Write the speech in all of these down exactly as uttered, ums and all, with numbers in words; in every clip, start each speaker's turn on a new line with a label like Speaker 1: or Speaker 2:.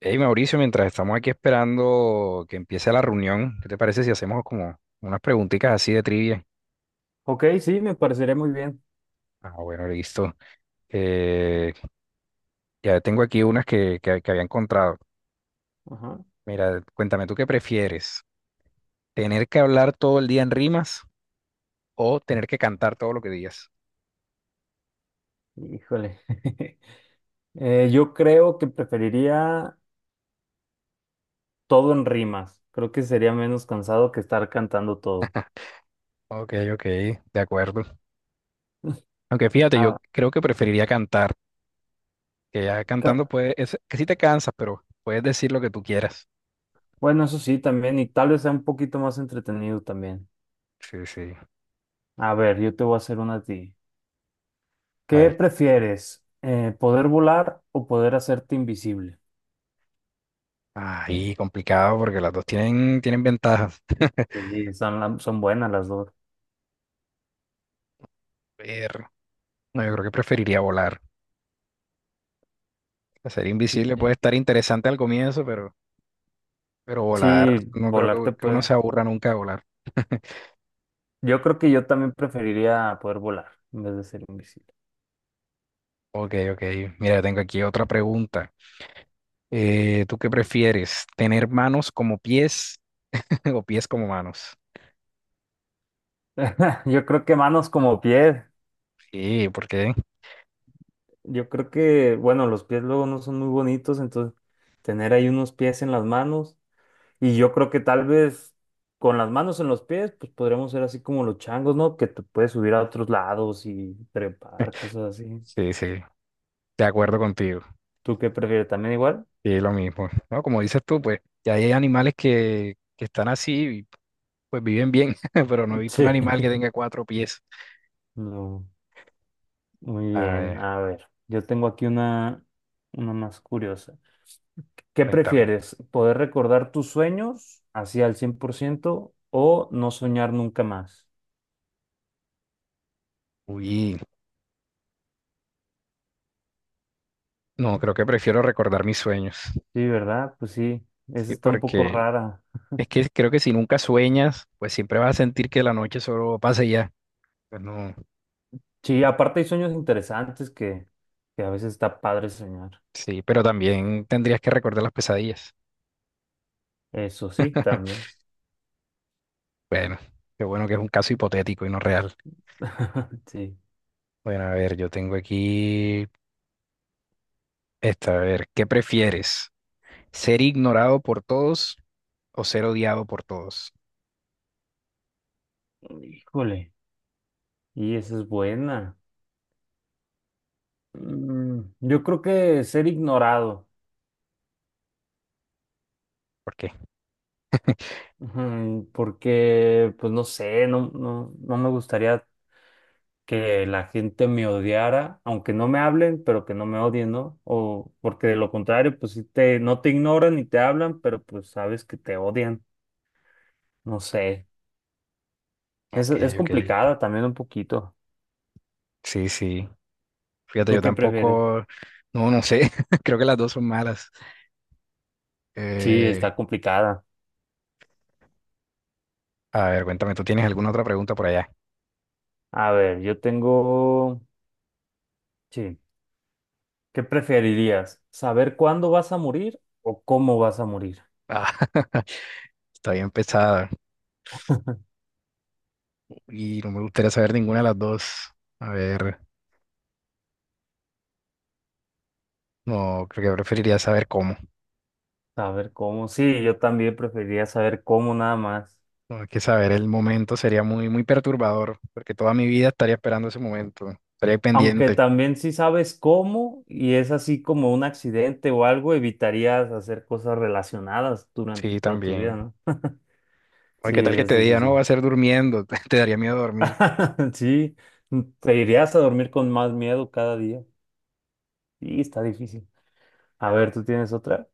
Speaker 1: Hey Mauricio, mientras estamos aquí esperando que empiece la reunión, ¿qué te parece si hacemos como unas preguntitas así de trivia?
Speaker 2: Ok, sí, me parecería muy bien.
Speaker 1: Ah, bueno, listo. Eh, ya tengo aquí unas que, que, que había encontrado.
Speaker 2: Ajá.
Speaker 1: Mira, cuéntame, ¿tú qué prefieres? ¿Tener que hablar todo el día en rimas o tener que cantar todo lo que digas?
Speaker 2: Híjole. Eh, yo creo que preferiría todo en rimas. Creo que sería menos cansado que estar cantando todo.
Speaker 1: Ok, ok, de acuerdo. Aunque fíjate, yo
Speaker 2: Ah,
Speaker 1: creo que preferiría cantar, que ya cantando
Speaker 2: ca-
Speaker 1: puedes, es, que sí te cansas, pero puedes decir lo que tú quieras.
Speaker 2: bueno, eso sí, también, y tal vez sea un poquito más entretenido también.
Speaker 1: Sí, sí.
Speaker 2: A ver, yo te voy a hacer una a ti.
Speaker 1: A
Speaker 2: ¿Qué
Speaker 1: ver.
Speaker 2: prefieres? Eh, ¿poder volar o poder hacerte invisible?
Speaker 1: Ahí complicado porque las dos tienen, tienen ventajas.
Speaker 2: Sí, son, la- son buenas las dos.
Speaker 1: Pero no, yo creo que preferiría volar. Ser
Speaker 2: Sí,
Speaker 1: invisible puede estar interesante al comienzo, pero, pero volar,
Speaker 2: sí,
Speaker 1: no creo que,
Speaker 2: volar te
Speaker 1: que uno se
Speaker 2: puede.
Speaker 1: aburra nunca de volar.
Speaker 2: Yo creo que yo también preferiría poder volar en vez de ser invisible.
Speaker 1: Ok, ok. Mira, tengo aquí otra pregunta. Eh, ¿tú qué prefieres? ¿Tener manos como pies o pies como manos?
Speaker 2: Yo creo que manos como pies.
Speaker 1: Sí, ¿por qué?
Speaker 2: Yo creo que, bueno, los pies luego no son muy bonitos, entonces tener ahí unos pies en las manos. Y yo creo que tal vez con las manos en los pies, pues podríamos ser así como los changos, ¿no? Que te puedes subir a otros lados y trepar, cosas así.
Speaker 1: Sí, sí, de acuerdo contigo.
Speaker 2: ¿Tú qué prefieres? ¿También igual?
Speaker 1: Sí, lo mismo. No, como dices tú, pues ya hay animales que, que están así. Pues viven bien, pero no he visto un
Speaker 2: Sí.
Speaker 1: animal que tenga cuatro pies.
Speaker 2: No. Muy
Speaker 1: A
Speaker 2: bien.
Speaker 1: ver,
Speaker 2: A ver, yo tengo aquí una, una más curiosa. ¿Qué
Speaker 1: cuéntame.
Speaker 2: prefieres? ¿Poder recordar tus sueños así al cien por ciento o no soñar nunca más?
Speaker 1: Uy, no, creo que prefiero recordar mis sueños.
Speaker 2: Sí, ¿verdad? Pues sí, esa
Speaker 1: Sí,
Speaker 2: está un poco
Speaker 1: porque
Speaker 2: rara.
Speaker 1: es que creo que si nunca sueñas, pues siempre vas a sentir que la noche solo pasa y ya. Pues no,
Speaker 2: Sí, aparte hay sueños interesantes que, que a veces está padre soñar.
Speaker 1: sí, pero también tendrías que recordar las pesadillas.
Speaker 2: Eso sí, también.
Speaker 1: Bueno, qué bueno que es un caso hipotético y no real.
Speaker 2: Sí.
Speaker 1: Bueno, a ver, yo tengo aquí esta, a ver, ¿qué prefieres? ¿Ser ignorado por todos o ser odiado por todos?
Speaker 2: Híjole. Y esa es buena. Mm, yo creo que ser ignorado.
Speaker 1: ¿Por qué?
Speaker 2: Ujú. Porque, pues no sé, no, no, no me gustaría que la gente me odiara, aunque no me hablen, pero que no me odien, ¿no? O porque de lo contrario, pues sí te, no te ignoran ni te hablan, pero pues sabes que te odian. No sé. Es,
Speaker 1: Ok,
Speaker 2: es
Speaker 1: ok.
Speaker 2: complicada también un poquito.
Speaker 1: Sí, sí. Fíjate,
Speaker 2: ¿Tú
Speaker 1: yo
Speaker 2: qué prefieres?
Speaker 1: tampoco, no, no sé. Creo que las dos son malas.
Speaker 2: Sí,
Speaker 1: Eh,
Speaker 2: está complicada.
Speaker 1: a ver, cuéntame, ¿tú tienes alguna otra pregunta por allá?
Speaker 2: A ver, yo tengo... Sí. ¿Qué preferirías? ¿Saber cuándo vas a morir o cómo vas a morir?
Speaker 1: Ah, está bien pesada y no me gustaría saber ninguna de las dos. A ver, no, creo que preferiría saber cómo.
Speaker 2: Saber cómo. Sí, yo también preferiría saber cómo nada más.
Speaker 1: No, es que saber el momento sería muy, muy perturbador, porque toda mi vida estaría esperando ese momento, estaría
Speaker 2: Aunque
Speaker 1: pendiente.
Speaker 2: también si sabes cómo y es así como un accidente o algo, evitarías hacer cosas relacionadas durante
Speaker 1: Sí,
Speaker 2: toda tu
Speaker 1: también.
Speaker 2: vida, ¿no?
Speaker 1: Oye,
Speaker 2: Sí,
Speaker 1: ¿qué tal que
Speaker 2: es
Speaker 1: te diga, no, va
Speaker 2: difícil.
Speaker 1: a ser durmiendo? Te daría miedo dormir.
Speaker 2: Sí, te irías a dormir con más miedo cada día. Sí, está difícil. A ver, ¿tú tienes otra?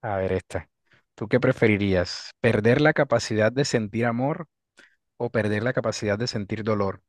Speaker 1: A ver esta. ¿Tú qué preferirías? ¿Perder la capacidad de sentir amor o perder la capacidad de sentir dolor?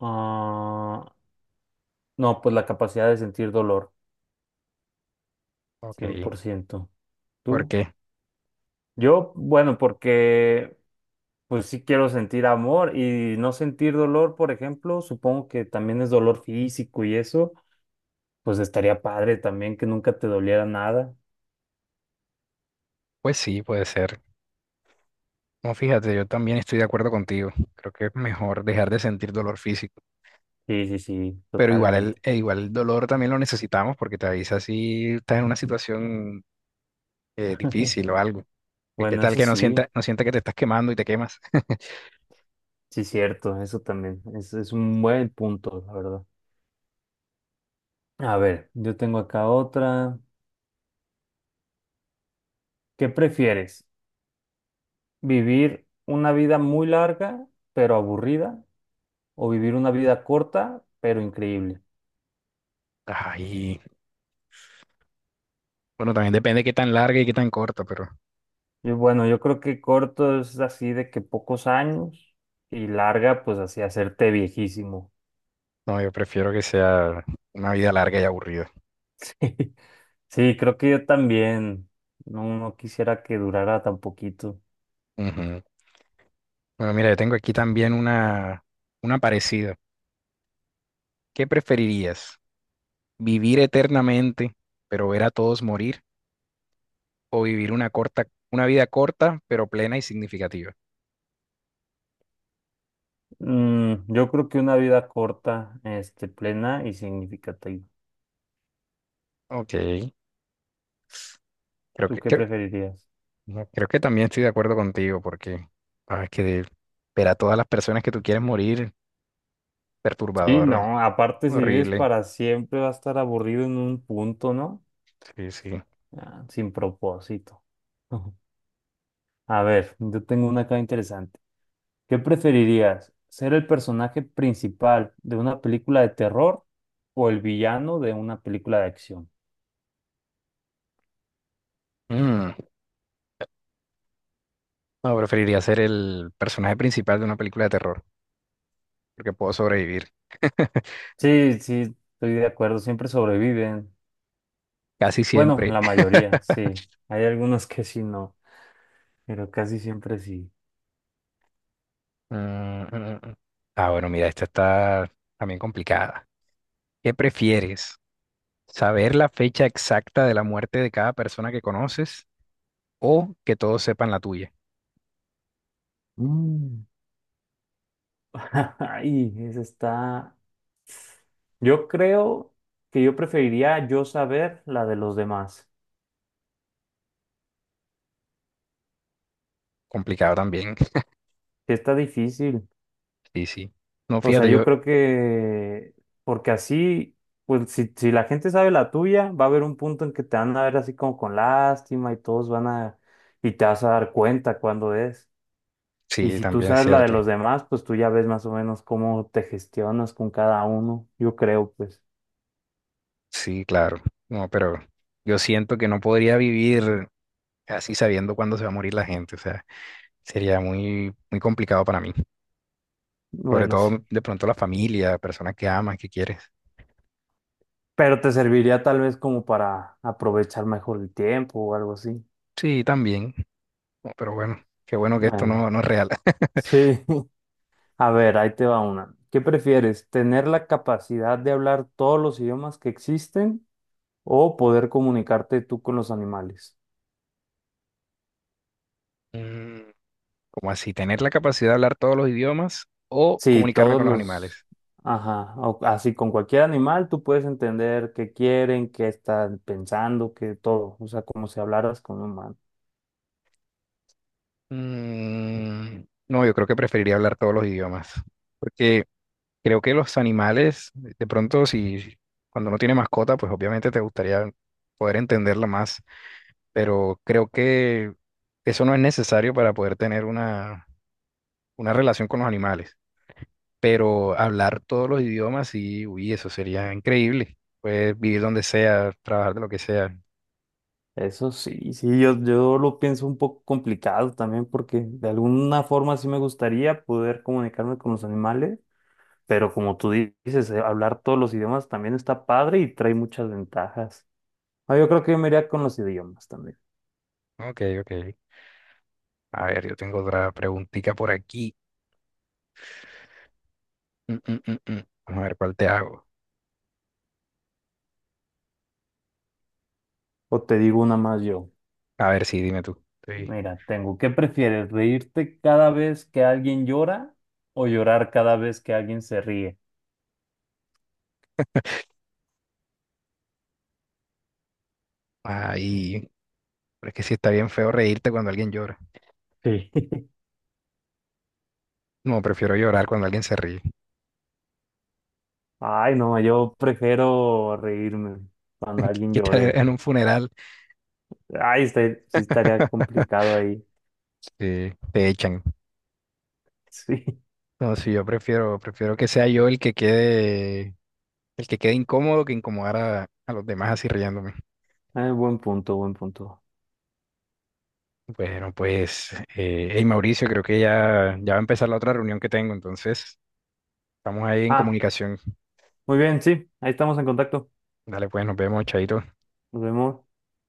Speaker 2: Ah, no, pues la capacidad de sentir dolor,
Speaker 1: Ok,
Speaker 2: cien por ciento.
Speaker 1: ¿por
Speaker 2: ¿Tú?
Speaker 1: qué?
Speaker 2: Yo, bueno, porque pues sí quiero sentir amor y no sentir dolor, por ejemplo, supongo que también es dolor físico y eso. Pues estaría padre también que nunca te doliera nada.
Speaker 1: Pues sí, puede ser. No, fíjate, yo también estoy de acuerdo contigo. Creo que es mejor dejar de sentir dolor físico,
Speaker 2: Sí, sí, sí,
Speaker 1: pero igual el,
Speaker 2: totalmente.
Speaker 1: e igual el dolor también lo necesitamos porque te avisa si estás en una situación eh, difícil o algo. Que ¿qué
Speaker 2: Bueno,
Speaker 1: tal
Speaker 2: eso
Speaker 1: que no
Speaker 2: sí,
Speaker 1: sienta, no sienta que te estás quemando y te quemas?
Speaker 2: sí, cierto, eso también. Es, es un buen punto, la verdad. A ver, yo tengo acá otra. ¿Qué prefieres? ¿Vivir una vida muy larga, pero aburrida? ¿O vivir una vida corta, pero increíble?
Speaker 1: Ay, bueno, también depende de qué tan larga y qué tan corta, pero
Speaker 2: Y bueno, yo creo que corto es así de que pocos años y larga, pues así hacerte viejísimo.
Speaker 1: no, yo prefiero que sea una vida larga y aburrida.
Speaker 2: Sí, creo que yo también. No, no quisiera que durara tan poquito.
Speaker 1: Ujú. Bueno, mira, yo tengo aquí también una, una parecida. ¿Qué preferirías? ¿Vivir eternamente, pero ver a todos morir? ¿O vivir una corta, una vida corta, pero plena y significativa?
Speaker 2: Mm, yo creo que una vida corta, este, plena y significativa.
Speaker 1: Ok, creo
Speaker 2: ¿Tú
Speaker 1: que,
Speaker 2: qué
Speaker 1: creo,
Speaker 2: preferirías?
Speaker 1: no, creo que también estoy de acuerdo contigo, porque ah, es que de- ver a todas las personas que tú quieres morir,
Speaker 2: Sí,
Speaker 1: perturbador,
Speaker 2: no, aparte si vives
Speaker 1: horrible.
Speaker 2: para siempre va a estar aburrido en un punto, ¿no?
Speaker 1: Sí, sí.
Speaker 2: Ah, sin propósito. A ver, yo tengo una acá interesante. ¿Qué preferirías? ¿Ser el personaje principal de una película de terror o el villano de una película de acción?
Speaker 1: Mm, no, preferiría ser el personaje principal de una película de terror, porque puedo sobrevivir.
Speaker 2: Sí, sí, estoy de acuerdo, siempre sobreviven.
Speaker 1: Casi
Speaker 2: Bueno,
Speaker 1: siempre.
Speaker 2: la mayoría, sí. Hay algunos que sí no, pero casi siempre sí.
Speaker 1: Mm, mm, mm. Ah, bueno, mira, esta está también complicada. ¿Qué prefieres? ¿Saber la fecha exacta de la muerte de cada persona que conoces o que todos sepan la tuya?
Speaker 2: Mm. Ay, esa está. Yo creo que yo preferiría yo saber la de los demás.
Speaker 1: Complicado también.
Speaker 2: Que Está difícil.
Speaker 1: Sí, sí. No,
Speaker 2: O sea,
Speaker 1: fíjate,
Speaker 2: yo
Speaker 1: yo,
Speaker 2: creo que porque así, pues si, si la gente sabe la tuya, va a haber un punto en que te van a ver así como con lástima y todos van a y te vas a dar cuenta cuándo es. Y
Speaker 1: sí,
Speaker 2: si tú
Speaker 1: también es
Speaker 2: sabes la de
Speaker 1: cierto.
Speaker 2: los demás, pues tú ya ves más o menos cómo te gestionas con cada uno. Yo creo, pues,
Speaker 1: Sí, claro. No, pero yo siento que no podría vivir así sabiendo cuándo se va a morir la gente. O sea, sería muy, muy complicado para mí. Sobre
Speaker 2: bueno,
Speaker 1: todo
Speaker 2: sí.
Speaker 1: de pronto la familia, personas que amas, que quieres.
Speaker 2: Pero te serviría tal vez como para aprovechar mejor el tiempo o algo así.
Speaker 1: Sí, también. No, pero bueno, qué bueno que esto
Speaker 2: Bueno,
Speaker 1: no, no es real.
Speaker 2: sí. A ver, ahí te va una. ¿Qué prefieres? ¿Tener la capacidad de hablar todos los idiomas que existen o poder comunicarte tú con los animales?
Speaker 1: Mm, como así, tener la capacidad de hablar todos los idiomas o
Speaker 2: Sí,
Speaker 1: comunicarme
Speaker 2: todos
Speaker 1: con los
Speaker 2: los,
Speaker 1: animales.
Speaker 2: ajá, o- así con cualquier animal tú puedes entender qué quieren, qué están pensando, qué todo, o sea, como si hablaras con un humano.
Speaker 1: Mm, no, yo creo que preferiría hablar todos los idiomas, porque creo que los animales, de pronto, si cuando no tiene mascota, pues obviamente te gustaría poder entenderla más, pero creo que eso no es necesario para poder tener una, una relación con los animales. Pero hablar todos los idiomas, sí, uy, eso sería increíble. Puedes vivir donde sea, trabajar de lo que sea.
Speaker 2: Eso sí, sí, yo, yo lo pienso un poco complicado también porque de alguna forma sí me gustaría poder comunicarme con los animales, pero como tú dices, eh, hablar todos los idiomas también está padre y trae muchas ventajas. Ah, yo creo que yo me iría con los idiomas también.
Speaker 1: Ok, ok. A ver, yo tengo otra preguntita por aquí. Mm, mm, mm, mm. Vamos a ver cuál te hago.
Speaker 2: O te digo una más yo.
Speaker 1: A ver, sí, dime tú. Sí.
Speaker 2: Mira, tengo, ¿qué prefieres? ¿Reírte cada vez que alguien llora o llorar cada vez que alguien se ríe?
Speaker 1: Ay, pero es que sí está bien feo reírte cuando alguien llora.
Speaker 2: Sí.
Speaker 1: No, prefiero llorar cuando alguien se ríe.
Speaker 2: Ay, no, yo prefiero reírme cuando alguien
Speaker 1: ¿Qué tal
Speaker 2: llore.
Speaker 1: en un funeral?
Speaker 2: Ay, este- sí estaría complicado ahí.
Speaker 1: Sí, te echan.
Speaker 2: Sí,
Speaker 1: No, sí, yo prefiero, prefiero que sea yo el que quede, el que quede incómodo que incomodar a, a los demás así riéndome.
Speaker 2: Ay, buen punto, buen punto.
Speaker 1: Bueno, pues, eh, hey Mauricio, creo que ya, ya va a empezar la otra reunión que tengo, entonces estamos ahí en
Speaker 2: Ah,
Speaker 1: comunicación.
Speaker 2: muy bien, sí, ahí estamos en contacto.
Speaker 1: Dale, pues, nos vemos, chaito.
Speaker 2: Nos vemos.